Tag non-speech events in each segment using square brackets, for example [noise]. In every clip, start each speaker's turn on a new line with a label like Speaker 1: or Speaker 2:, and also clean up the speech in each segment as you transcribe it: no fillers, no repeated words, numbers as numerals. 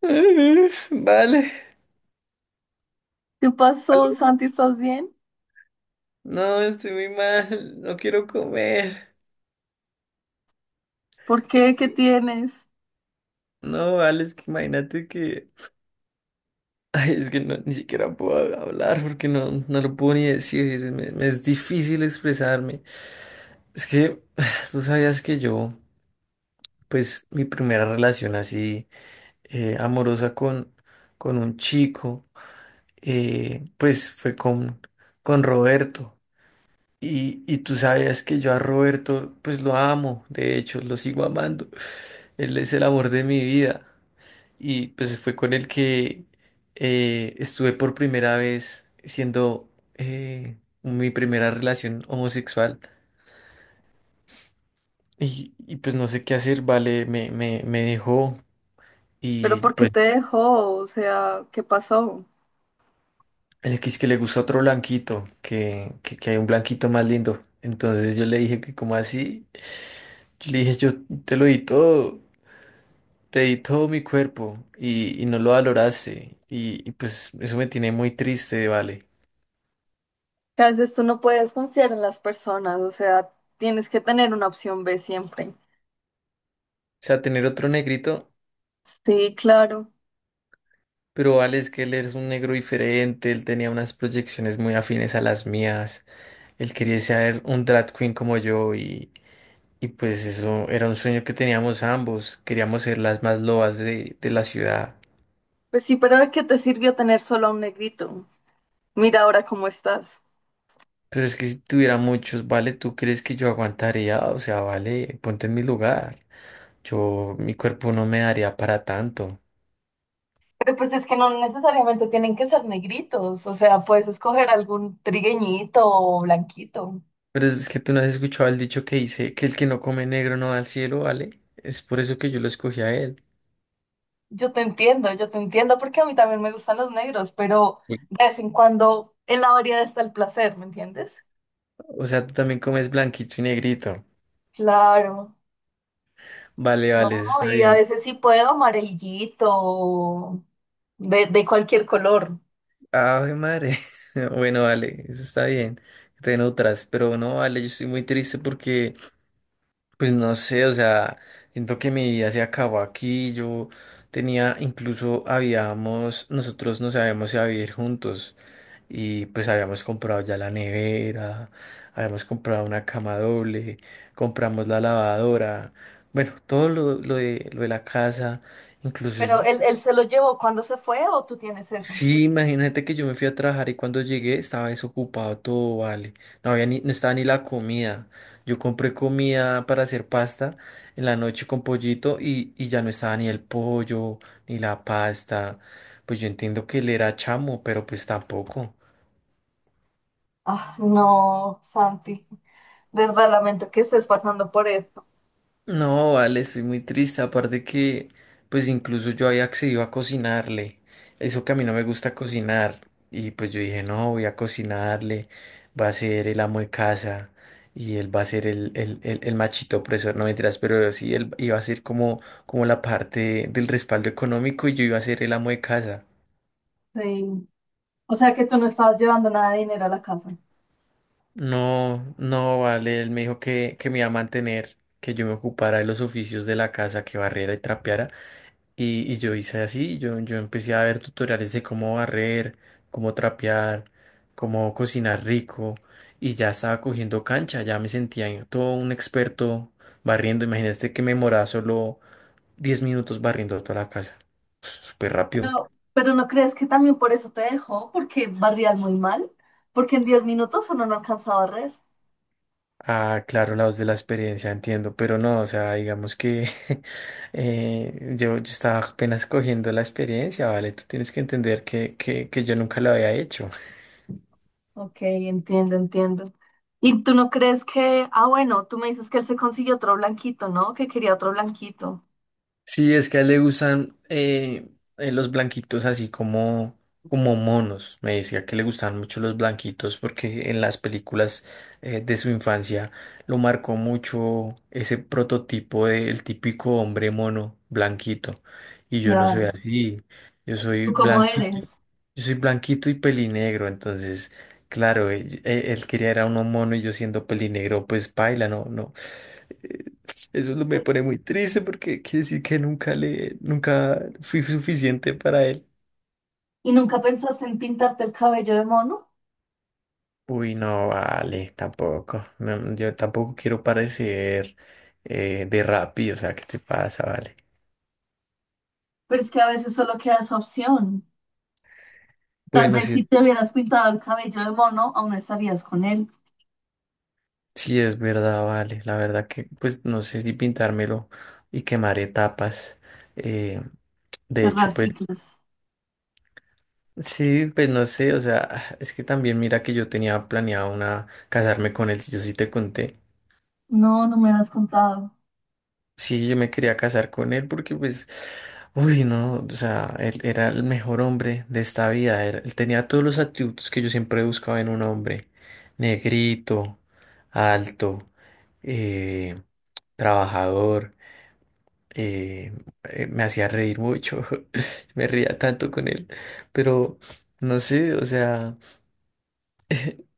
Speaker 1: [laughs] Vale,
Speaker 2: ¿Qué pasó,
Speaker 1: algo.
Speaker 2: Santi? ¿Estás bien?
Speaker 1: No, estoy muy mal, no quiero comer.
Speaker 2: ¿Por qué? ¿Qué tienes?
Speaker 1: No, vale, es que imagínate que... Ay, es que no, ni siquiera puedo hablar porque no lo puedo ni decir, me es difícil expresarme. Es que [sighs] tú sabías que yo, pues mi primera relación así amorosa con un chico, pues fue con Roberto. Y tú sabías que yo a Roberto, pues lo amo, de hecho, lo sigo amando. Él es el amor de mi vida. Y pues fue con el que estuve por primera vez siendo mi primera relación homosexual. Pues no sé qué hacer, vale, me dejó.
Speaker 2: ¿Pero
Speaker 1: Y
Speaker 2: por qué
Speaker 1: pues
Speaker 2: te dejó? O sea, ¿qué pasó?
Speaker 1: el que es que le gusta otro blanquito, que hay un blanquito más lindo. Entonces yo le dije que como así, yo le dije yo te lo di todo. Te di todo mi cuerpo y no lo valoraste. Y pues eso me tiene muy triste, Vale.
Speaker 2: Que a veces tú no puedes confiar en las personas, o sea, tienes que tener una opción B siempre.
Speaker 1: O sea, tener otro negrito,
Speaker 2: Sí, claro.
Speaker 1: pero Vale es que él es un negro diferente, él tenía unas proyecciones muy afines a las mías, él quería ser un drag queen como yo y pues eso era un sueño que teníamos ambos, queríamos ser las más lobas de la ciudad.
Speaker 2: Pues sí, pero ¿de qué te sirvió tener solo a un negrito? Mira ahora cómo estás.
Speaker 1: Pero es que si tuviera muchos, Vale, ¿tú crees que yo aguantaría? O sea, Vale, ponte en mi lugar. Yo, mi cuerpo no me daría para tanto.
Speaker 2: Pero pues es que no necesariamente tienen que ser negritos, o sea, puedes escoger algún trigueñito o blanquito.
Speaker 1: Pero es que tú no has escuchado el dicho que dice que el que no come negro no va al cielo, ¿vale? Es por eso que yo lo escogí a él.
Speaker 2: Yo te entiendo porque a mí también me gustan los negros, pero
Speaker 1: Bueno,
Speaker 2: de vez en cuando en la variedad está el placer, ¿me entiendes?
Speaker 1: o sea, tú también comes blanquito y negrito.
Speaker 2: Claro,
Speaker 1: Vale,
Speaker 2: no,
Speaker 1: vale, eso está
Speaker 2: y a
Speaker 1: bien.
Speaker 2: veces sí puedo amarillito, o de cualquier color.
Speaker 1: Ave madre. [laughs] Bueno, vale, eso está bien. Te otras, pero no, vale, yo estoy muy triste porque, pues no sé, o sea, siento que mi vida se acabó aquí. Yo tenía, incluso habíamos, nosotros nos habíamos si a vivir juntos. Y pues habíamos comprado ya la nevera, habíamos comprado una cama doble, compramos la lavadora, bueno, todo lo de la casa, incluso,
Speaker 2: Pero
Speaker 1: yo-
Speaker 2: él se lo llevó cuando se fue o tú tienes eso.
Speaker 1: sí, imagínate que yo me fui a trabajar y cuando llegué estaba desocupado todo, vale, no había ni, no estaba ni la comida, yo compré comida para hacer pasta en la noche con pollito y ya no estaba ni el pollo, ni la pasta, pues yo entiendo que él era chamo, pero pues tampoco.
Speaker 2: Ah, no, Santi, de verdad lamento que estés pasando por esto.
Speaker 1: No, vale, estoy muy triste. Aparte que, pues incluso yo había accedido a cocinarle. Eso que a mí no me gusta cocinar. Y pues yo dije, no, voy a cocinarle. Va a ser el amo de casa. Y él va a ser el machito opresor. No mentiras, pero sí, él iba a ser como, como la parte del respaldo económico y yo iba a ser el amo de casa.
Speaker 2: Sí. O sea que tú no estabas llevando nada de dinero a la casa.
Speaker 1: No, no, vale. Él me dijo que me iba a mantener, que yo me ocupara de los oficios de la casa, que barriera y trapeara. Y yo hice así, yo empecé a ver tutoriales de cómo barrer, cómo trapear, cómo cocinar rico y ya estaba cogiendo cancha, ya me sentía en- todo un experto barriendo. Imagínate que me moraba solo 10 minutos barriendo toda la casa, súper rápido.
Speaker 2: Pero ¿no crees que también por eso te dejó? Porque barrías muy mal. Porque en 10 minutos uno no alcanza a barrer.
Speaker 1: Ah, claro, la voz de la experiencia, entiendo, pero no, o sea, digamos que [laughs] yo estaba apenas cogiendo la experiencia, ¿vale? Tú tienes que entender que yo nunca lo había hecho.
Speaker 2: Ok, entiendo, entiendo. ¿Y tú no crees que, ah, bueno, tú me dices que él se consiguió otro blanquito, ¿no? Que quería otro blanquito.
Speaker 1: Sí, es que a él le gustan los blanquitos así como, como monos. Me decía que le gustaban mucho los blanquitos porque en las películas de su infancia lo marcó mucho ese prototipo del típico hombre mono blanquito. Y yo no soy
Speaker 2: Claro.
Speaker 1: así. Yo soy
Speaker 2: ¿Tú cómo
Speaker 1: blanquito.
Speaker 2: eres?
Speaker 1: Yo soy blanquito y pelinegro. Entonces, claro, él quería era uno mono y yo siendo pelinegro, pues paila, no, no. Eh, me pone muy triste porque quiere decir que nunca le, nunca fui suficiente para él.
Speaker 2: ¿Y nunca pensaste en pintarte el cabello de mono?
Speaker 1: Uy, no vale, tampoco. No, yo tampoco quiero parecer de Rappi, o sea, ¿qué te pasa, vale?
Speaker 2: Pero es que a veces solo queda esa opción. Tal
Speaker 1: Bueno,
Speaker 2: vez si
Speaker 1: sí,
Speaker 2: te hubieras pintado el cabello de mono, aún estarías con él.
Speaker 1: sí es verdad, vale. La verdad que, pues, no sé si pintármelo y quemar etapas. Eh, de
Speaker 2: Cerrar
Speaker 1: hecho, pues,
Speaker 2: ciclos.
Speaker 1: sí, pues no sé, o sea, es que también mira que yo tenía planeado una casarme con él, si yo sí te conté.
Speaker 2: No, no me has contado.
Speaker 1: Sí, yo me quería casar con él porque pues, uy, no, o sea, él era el mejor hombre de esta vida, él tenía todos los atributos que yo siempre buscaba en un hombre, negrito, alto, eh, trabajador, eh, me hacía reír mucho, [laughs] me reía tanto con él, pero no sé, o sea...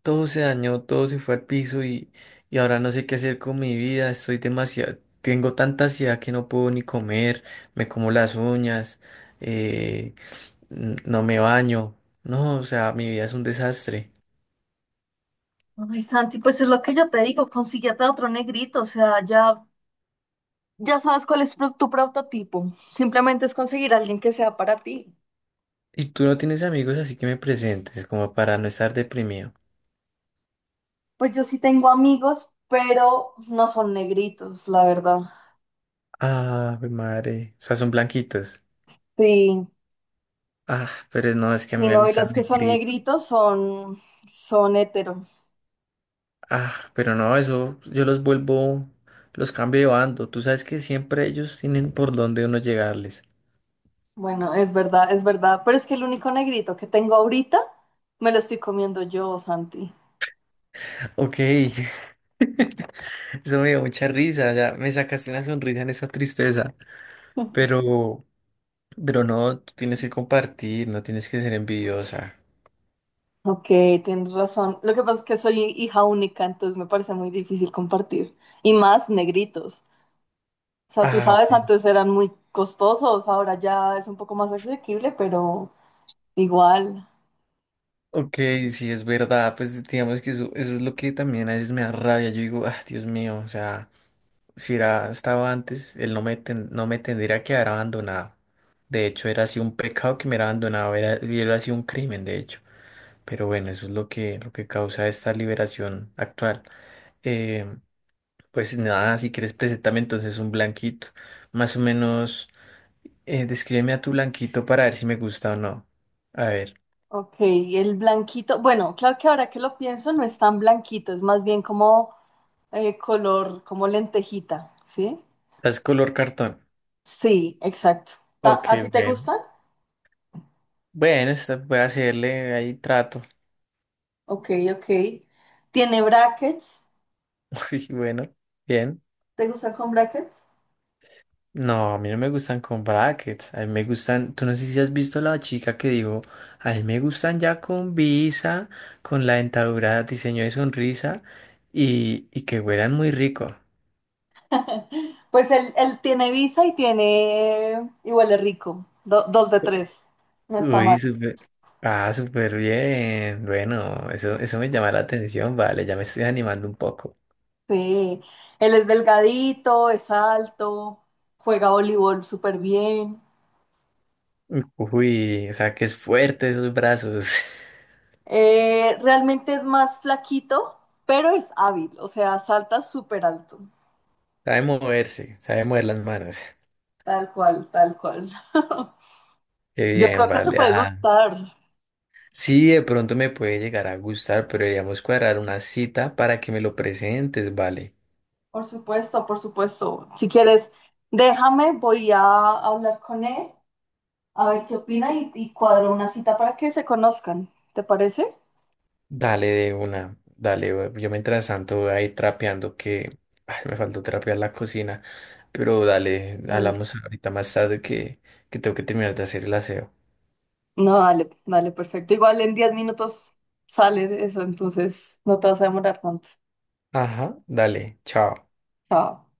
Speaker 1: Todo se dañó, todo se fue al piso y ahora no sé qué hacer con mi vida. Estoy demasiado, tengo tanta ansiedad que no puedo ni comer, me como las uñas, eh, no me baño. No, o sea, mi vida es un desastre.
Speaker 2: Ay, Santi, pues es lo que yo te digo, consíguete a otro negrito, o sea, ya, ya sabes cuál es pro- tu prototipo. Simplemente es conseguir a alguien que sea para ti.
Speaker 1: Y tú no tienes amigos, así que me presentes, como para no estar deprimido.
Speaker 2: Pues yo sí tengo amigos, pero no son negritos, la verdad.
Speaker 1: Ah, mi madre. O sea, son blanquitos.
Speaker 2: Sí,
Speaker 1: Ah, pero no, es que a mí
Speaker 2: y
Speaker 1: me
Speaker 2: no, y
Speaker 1: gustan
Speaker 2: los que son
Speaker 1: negritos.
Speaker 2: negritos son, son hetero.
Speaker 1: Ah, pero no, eso, yo los vuelvo, los cambio de bando. Tú sabes que siempre ellos tienen por dónde uno llegarles.
Speaker 2: Bueno, es verdad, pero es que el único negrito que tengo ahorita me lo estoy comiendo yo, Santi.
Speaker 1: Ok, [laughs] eso me dio mucha risa, ya me sacaste una sonrisa en esa tristeza,
Speaker 2: [laughs]
Speaker 1: pero, pero no, tú tienes que compartir, no tienes que ser envidiosa.
Speaker 2: Ok, tienes razón. Lo que pasa es que soy hija única, entonces me parece muy difícil compartir. Y más negritos. O sea, tú
Speaker 1: Ah, ok.
Speaker 2: sabes, antes eran muy costosos, ahora ya es un poco más asequible, pero igual.
Speaker 1: Ok, sí, es verdad, pues digamos que eso es lo que también a veces me da rabia, yo digo, ah, Dios mío, o sea, si era, estaba antes, él no me, ten- no me tendría que haber abandonado. De hecho, era así un pecado que me hubiera abandonado, era, hubiera sido un crimen, de hecho. Pero bueno, eso es lo que causa esta liberación actual. Eh, pues nada, si quieres, preséntame entonces un blanquito. Más o menos, descríbeme a tu blanquito para ver si me gusta o no. A ver,
Speaker 2: Ok, el blanquito. Bueno, claro que ahora que lo pienso no es tan blanquito, es más bien como color, como lentejita, ¿sí?
Speaker 1: es color cartón.
Speaker 2: Sí, exacto. Ta-
Speaker 1: Ok,
Speaker 2: ¿Así te
Speaker 1: bien.
Speaker 2: gustan?
Speaker 1: Bueno, voy a hacerle ahí trato.
Speaker 2: Ok, ok. ¿Tiene brackets?
Speaker 1: [laughs] Uy, bueno, bien.
Speaker 2: ¿Te gustan con brackets?
Speaker 1: No, a mí no me gustan con brackets, a mí me gustan, tú no sé si has visto la chica que digo, a mí me gustan ya con visa, con la dentadura, diseño de sonrisa y que huelan muy rico.
Speaker 2: [laughs] Pues él tiene visa y tiene, y huele rico, do- dos de tres, no está mal.
Speaker 1: Uy, súper, ah, súper bien, bueno, eso me llama la atención, vale, ya me estoy animando un poco.
Speaker 2: Sí, él es delgadito, es alto, juega voleibol súper bien.
Speaker 1: Uy, o sea que es fuerte esos brazos,
Speaker 2: Realmente es más flaquito, pero es hábil, o sea, salta súper alto.
Speaker 1: [laughs] sabe moverse, sabe mover las manos.
Speaker 2: Tal cual, tal cual. [laughs]
Speaker 1: Qué
Speaker 2: Yo
Speaker 1: bien,
Speaker 2: creo que te
Speaker 1: vale,
Speaker 2: puede
Speaker 1: ah.
Speaker 2: gustar.
Speaker 1: Sí, de pronto me puede llegar a gustar, pero deberíamos cuadrar una cita para que me lo presentes, vale.
Speaker 2: Por supuesto, por supuesto. Si quieres, déjame, voy a hablar con él. A ver qué opina y cuadro una cita para que se conozcan. ¿Te parece?
Speaker 1: Dale de una, dale. Yo mientras tanto voy a ir trapeando que ay, me faltó trapear la cocina, pero dale,
Speaker 2: Sí.
Speaker 1: hablamos ahorita más tarde que tengo que terminar de hacer el aseo.
Speaker 2: No, dale, dale, perfecto. Igual en 10 minutos sale de eso, entonces no te vas a demorar tanto.
Speaker 1: Ajá, dale, chao.
Speaker 2: Chao.